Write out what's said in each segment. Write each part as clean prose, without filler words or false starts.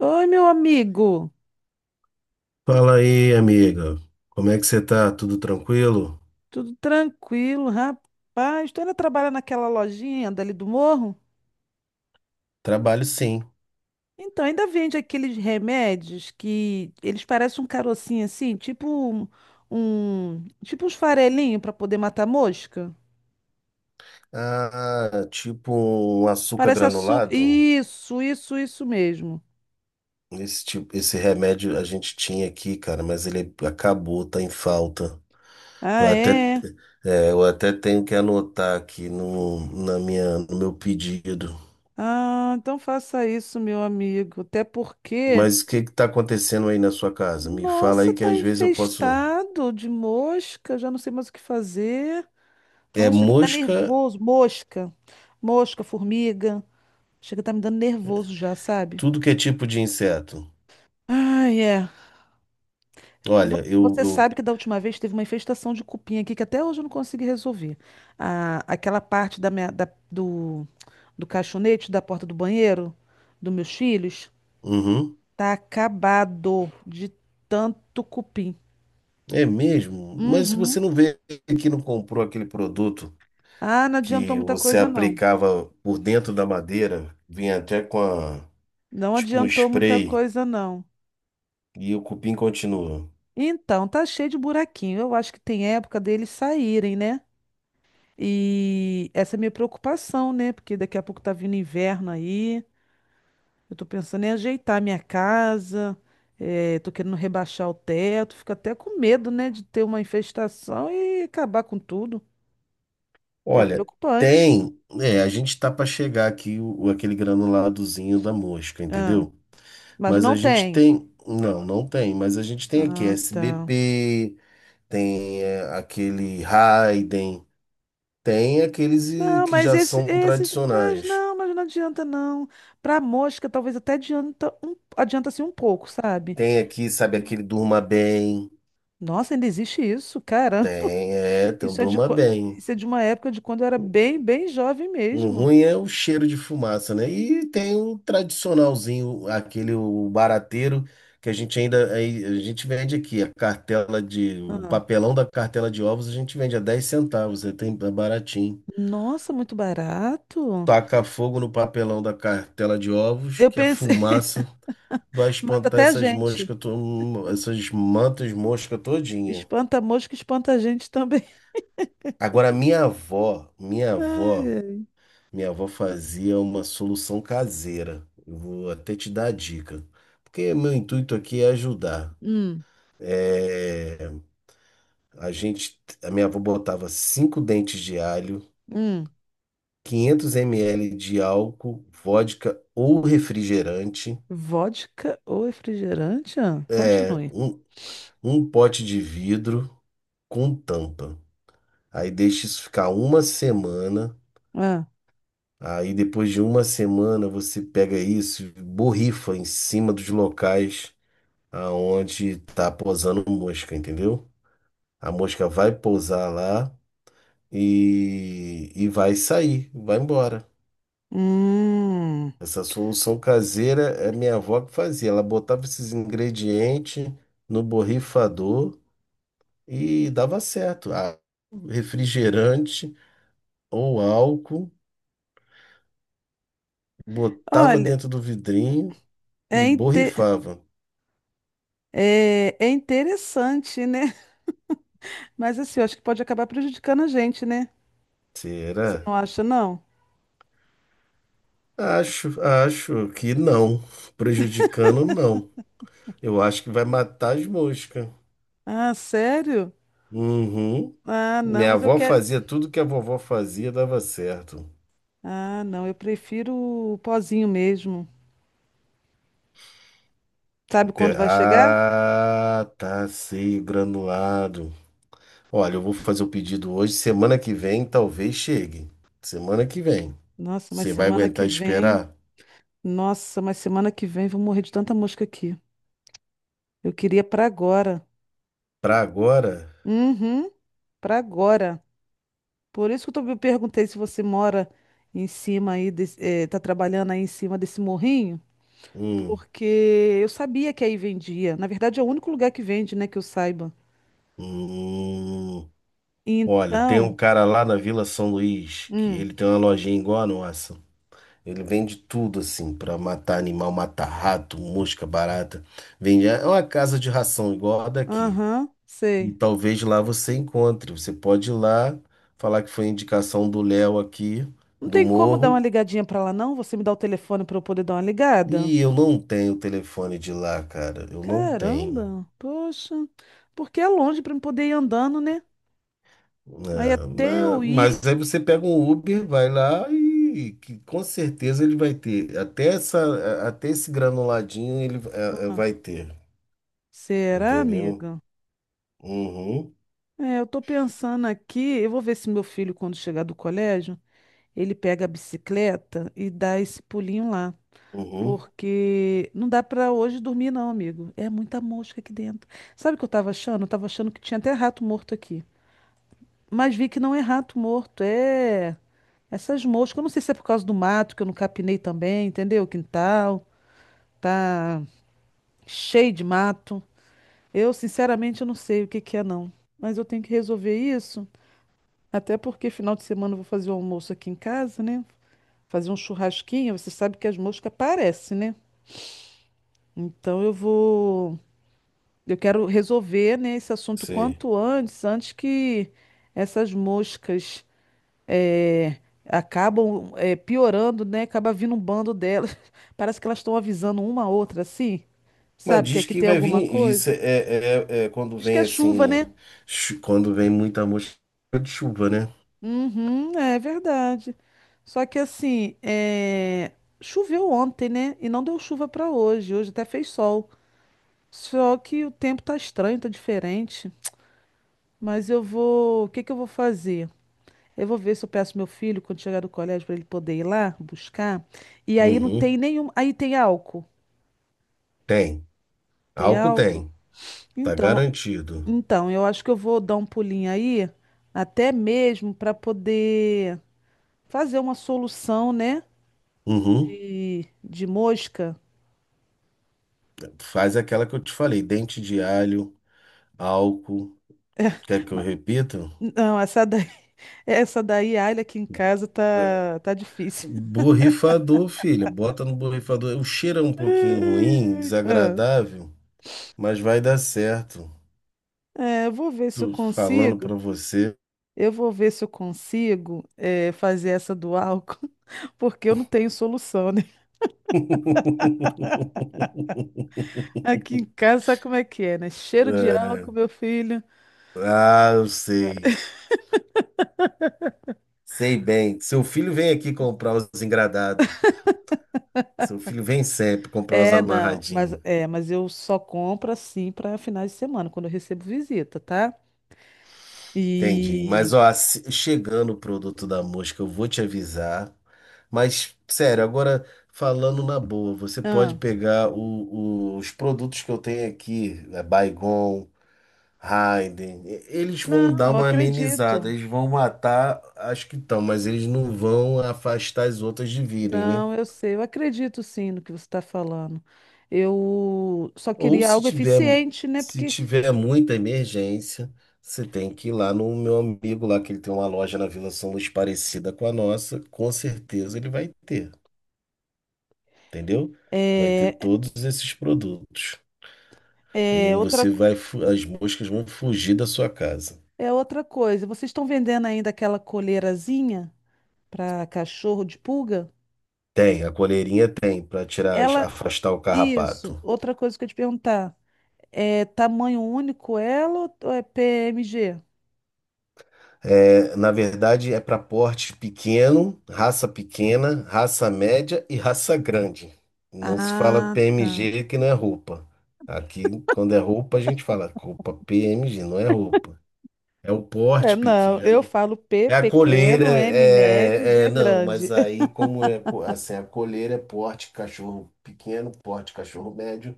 Oi, meu amigo. Fala aí, amiga. Como é que você tá? Tudo tranquilo? Tudo tranquilo, rapaz? Tu ainda trabalha naquela lojinha dali do morro? Trabalho sim. Então, ainda vende aqueles remédios que eles parecem um carocinho assim, tipo uns farelinhos para poder matar mosca? Ah, tipo um açúcar Parece açúcar. granulado. Isso mesmo. Esse remédio a gente tinha aqui, cara, mas ele acabou, tá em falta. Eu Ah, até, é? eu até tenho que anotar aqui no meu pedido. Ah, então faça isso, meu amigo. Até porque, Mas o que que tá acontecendo aí na sua casa? Me fala nossa, aí que tá às vezes eu posso. infestado de mosca, já não sei mais o que fazer. É Nossa, ele tá mosca, nervoso. Mosca. Mosca, formiga. Chega a tá me dando nervoso já, sabe? tudo que é tipo de inseto. Ai, é. E Olha, eu, você eu... sabe que da última vez teve uma infestação de cupim aqui que até hoje eu não consegui resolver. Aquela parte da do caixonete da porta do banheiro dos meus filhos Uhum. tá acabado de tanto cupim. É mesmo? Mas você Uhum. não vê que não comprou aquele produto Ah, não adiantou que muita você coisa, não. aplicava por dentro da madeira, vinha até Não tipo um adiantou muita spray coisa, não. e o cupim continua. Então, tá cheio de buraquinho. Eu acho que tem época deles saírem, né? E essa é a minha preocupação, né? Porque daqui a pouco tá vindo inverno aí. Eu tô pensando em ajeitar a minha casa. Tô querendo rebaixar o teto. Fico até com medo, né? De ter uma infestação e acabar com tudo. É Olha, preocupante. A gente tá para chegar aqui aquele granuladozinho da mosca, Ah, entendeu? mas Mas não a gente tem. tem, não, não tem, mas a gente tem aqui Ah, tá. SBP, tem aquele Raiden, tem aqueles Não, que mas já são esses. Tradicionais. Mas não adianta, não. Pra mosca, talvez até adianta um, adianta assim um pouco, sabe? Tem aqui, sabe, aquele durma bem. Nossa, ainda existe isso? Caramba, Tem, é, tem um durma bem. isso é de uma época de quando eu era bem, bem jovem Um mesmo. ruim é o cheiro de fumaça, né? E tem um tradicionalzinho, aquele o barateiro, que a gente vende aqui, o Ah, papelão da cartela de ovos a gente vende a 10 centavos, é tem é baratinho. nossa, muito barato. Taca fogo no papelão da cartela de ovos, Eu que a pensei, fumaça vai mata espantar até a essas gente. moscas, essas mantas mosca todinha. Espanta a mosca, espanta a gente também. Agora, minha avó, minha Ai, avó, ai. Minha avó fazia uma solução caseira. Eu vou até te dar a dica, porque meu intuito aqui é ajudar. Hum, É, a minha avó botava cinco dentes de alho, hum. 500 ml de álcool, vodka ou refrigerante, Vodka ou refrigerante? Ah, é, continue. um, um pote de vidro com tampa. Aí deixa isso ficar uma semana. Ah, Aí depois de uma semana você pega isso, e borrifa em cima dos locais aonde tá pousando mosca, entendeu? A mosca vai pousar lá e vai sair, vai embora. hum. Essa solução caseira é minha avó que fazia. Ela botava esses ingredientes no borrifador e dava certo. Ah, refrigerante ou álcool, botava Olha, dentro do vidrinho e é, inte- borrifava. é interessante, né? Mas assim, eu acho que pode acabar prejudicando a gente, né? Você Será? não acha, não? Acho que não. Prejudicando, não. Eu acho que vai matar as moscas. Ah, sério? Uhum. Ah, não, Minha mas eu avó quero. fazia tudo que a vovó fazia, dava certo. Ah, não, eu prefiro o pozinho mesmo. Sabe quando vai chegar? Ah, tá, sei, granulado. Olha, eu vou fazer o pedido hoje. Semana que vem talvez chegue. Semana que vem. Nossa, mas Você vai semana que aguentar vem. esperar? Nossa, mas semana que vem vou morrer de tanta mosca aqui. Eu queria pra agora. Pra agora? Uhum, pra agora. Por isso que eu perguntei se você mora em cima aí, desse, tá trabalhando aí em cima desse morrinho, Hum, porque eu sabia que aí vendia. Na verdade, é o único lugar que vende, né, que eu saiba. Hum. Olha, tem um Então, cara lá na Vila São Luís que hum, ele tem uma lojinha igual a nossa. Ele vende tudo assim, pra matar animal, matar rato, mosca, barata. Vende é uma casa de ração igual a daqui. aham, E sei. talvez lá você encontre. Você pode ir lá falar que foi indicação do Léo aqui, Não do tem como dar uma Morro. ligadinha pra lá, não? Você me dá o telefone pra eu poder dar uma ligada? E eu não tenho o telefone de lá, cara. Eu não tenho. Caramba, poxa. Porque é longe pra eu poder ir andando, né? Aí É, até eu ir. mas aí você pega um Uber, vai lá e que com certeza ele vai ter. Até esse granuladinho ele Ah, vai ter. será, Entendeu? amiga? Uhum. É, eu tô pensando aqui. Eu vou ver se meu filho, quando chegar do colégio, ele pega a bicicleta e dá esse pulinho lá. Uhum, Porque não dá pra hoje dormir, não, amigo. É muita mosca aqui dentro. Sabe o que eu tava achando? Eu tava achando que tinha até rato morto aqui. Mas vi que não é rato morto, é. Essas moscas, eu não sei se é por causa do mato que eu não capinei também, entendeu? O quintal tá cheio de mato. Eu, sinceramente, eu não sei o que que é, não. Mas eu tenho que resolver isso, até porque final de semana eu vou fazer um almoço aqui em casa, né? Fazer um churrasquinho, você sabe que as moscas aparecem, né? Então eu vou. Eu quero resolver, né, esse assunto sei. quanto antes, antes que essas moscas eh, acabam piorando, né? Acaba vindo um bando delas. Parece que elas estão avisando uma a outra, assim. Mas Sabe que diz aqui que tem vai alguma vir, isso é, coisa? é, é- é quando Diz que vem é chuva, assim, né? Quando vem muita mosca de chuva, né? Uhum, é verdade. Só que assim, choveu ontem, né? E não deu chuva para hoje. Hoje até fez sol. Só que o tempo tá estranho, tá diferente. Mas eu vou. O que que eu vou fazer? Eu vou ver se eu peço meu filho quando chegar do colégio para ele poder ir lá buscar. E aí não Uhum, tem nenhum. Aí tem álcool. tem. Tem Álcool álcool? tem, tá Então, garantido. então, eu acho que eu vou dar um pulinho aí, até mesmo para poder fazer uma solução, né? Uhum, De mosca. faz aquela que eu te falei, dente de alho, álcool, quer que eu Ma- repita? Não, essa daí, essa daí, alho aqui em casa É. tá, tá difícil. Borrifador, filha, bota no borrifador. O cheiro é um pouquinho ruim, Ai, ai. desagradável, mas vai dar certo. Ah, é, eu vou ver se eu Tô falando consigo. pra você. Eu vou ver se eu consigo é, fazer essa do álcool, porque eu não tenho solução, né? Aqui em casa, sabe como é que é, né? Cheiro de álcool, É. meu filho. Ah, eu sei. Sei bem. Seu filho vem aqui comprar os engradados. Seu filho vem sempre comprar os É, não, mas amarradinhos. é, mas eu só compro assim para finais de semana, quando eu recebo visita, tá? Entendi. E Mas, ó, chegando o produto da mosca, eu vou te avisar. Mas, sério, agora falando na boa, você pode ah, pegar os produtos que eu tenho aqui, né, Baygon. Raiden, eles não, vão dar eu uma amenizada, acredito. eles vão matar as que estão, mas eles não vão afastar as outras de virem, né? Não, eu sei, eu acredito sim no que você está falando. Eu só Ou queria se algo tiver, eficiente, né? se Porque tiver muita emergência, você tem que ir lá no meu amigo lá, que ele tem uma loja na Vila São Luís parecida com a nossa, com certeza ele vai ter, entendeu? Vai ter é, todos esses produtos. E é outra, você co- as moscas vão fugir da sua casa. é outra coisa. Vocês estão vendendo ainda aquela coleirazinha para cachorro de pulga? Tem, a coleirinha tem, para tirar, Ela, afastar o isso, carrapato. outra coisa que eu ia te perguntar. É tamanho único ela ou é PMG? É, na verdade, é para porte pequeno, raça pequena, raça média e raça grande. Não se fala Ah, tá. PMG que não é roupa. Aqui, quando é roupa, a gente fala roupa PMG, não é roupa. É o É, porte não, eu pequeno. falo P É a coleira, pequeno, M médio, G não, mas grande. aí como é assim, a coleira é porte cachorro pequeno, porte cachorro médio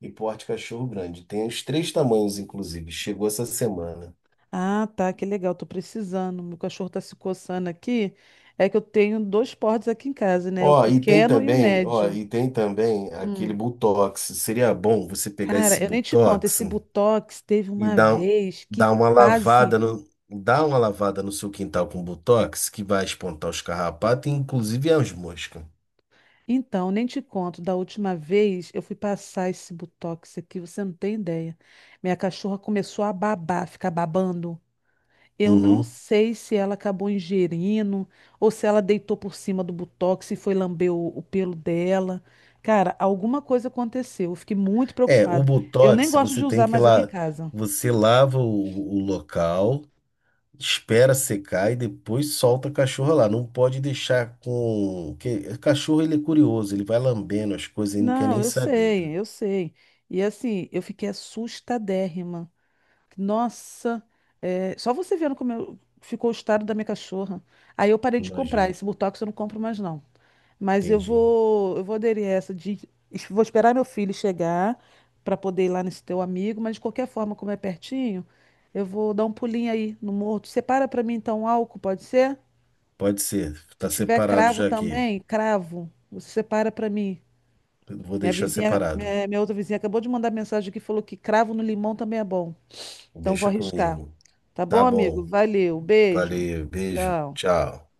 e porte cachorro grande. Tem os três tamanhos, inclusive. Chegou essa semana. Ah, tá, que legal, tô precisando. Meu cachorro tá se coçando aqui. É que eu tenho dois portes aqui em casa, né? O Ó, e tem pequeno e o também, ó, médio. e tem também aquele Hum. Botox. Seria bom você pegar esse Cara, eu nem te conto, Botox esse Botox teve e uma dar, um- vez que dar uma quase. lavada no, dar uma lavada no seu quintal com Botox, que vai espantar os carrapatos, e inclusive as moscas. Então, nem te conto, da última vez eu fui passar esse botox aqui, você não tem ideia. Minha cachorra começou a babar, ficar babando. Eu não Uhum. sei se ela acabou ingerindo ou se ela deitou por cima do botox e foi lamber o pelo dela. Cara, alguma coisa aconteceu. Eu fiquei muito É, o preocupada. Eu nem Botox, gosto de você tem usar que mais aqui em lá, casa. você lava o local, espera secar e depois solta a cachorra lá. Não pode deixar que cachorro ele é curioso, ele vai lambendo as coisas e não quer Não, nem eu saber, né? sei, eu sei. E assim, eu fiquei assustadérrima. Nossa, é, só você vendo como ficou o estado da minha cachorra. Aí eu parei de comprar. Imagina. Esse Botox eu não compro mais, não. Mas Entendi. Eu vou aderir a essa de. Vou esperar meu filho chegar para poder ir lá nesse teu amigo, mas de qualquer forma, como é pertinho, eu vou dar um pulinho aí no morto. Separa para mim então um álcool, pode ser? Pode ser. Se Tá tiver separado cravo já aqui. também, cravo. Você separa para mim. Eu vou Minha deixar vizinha, separado. minha outra vizinha acabou de mandar mensagem que falou que cravo no limão também é bom. Então vou Deixa arriscar. comigo. Tá bom, Tá amigo? bom. Valeu. Um beijo. Valeu. Beijo. Tchau. Tchau.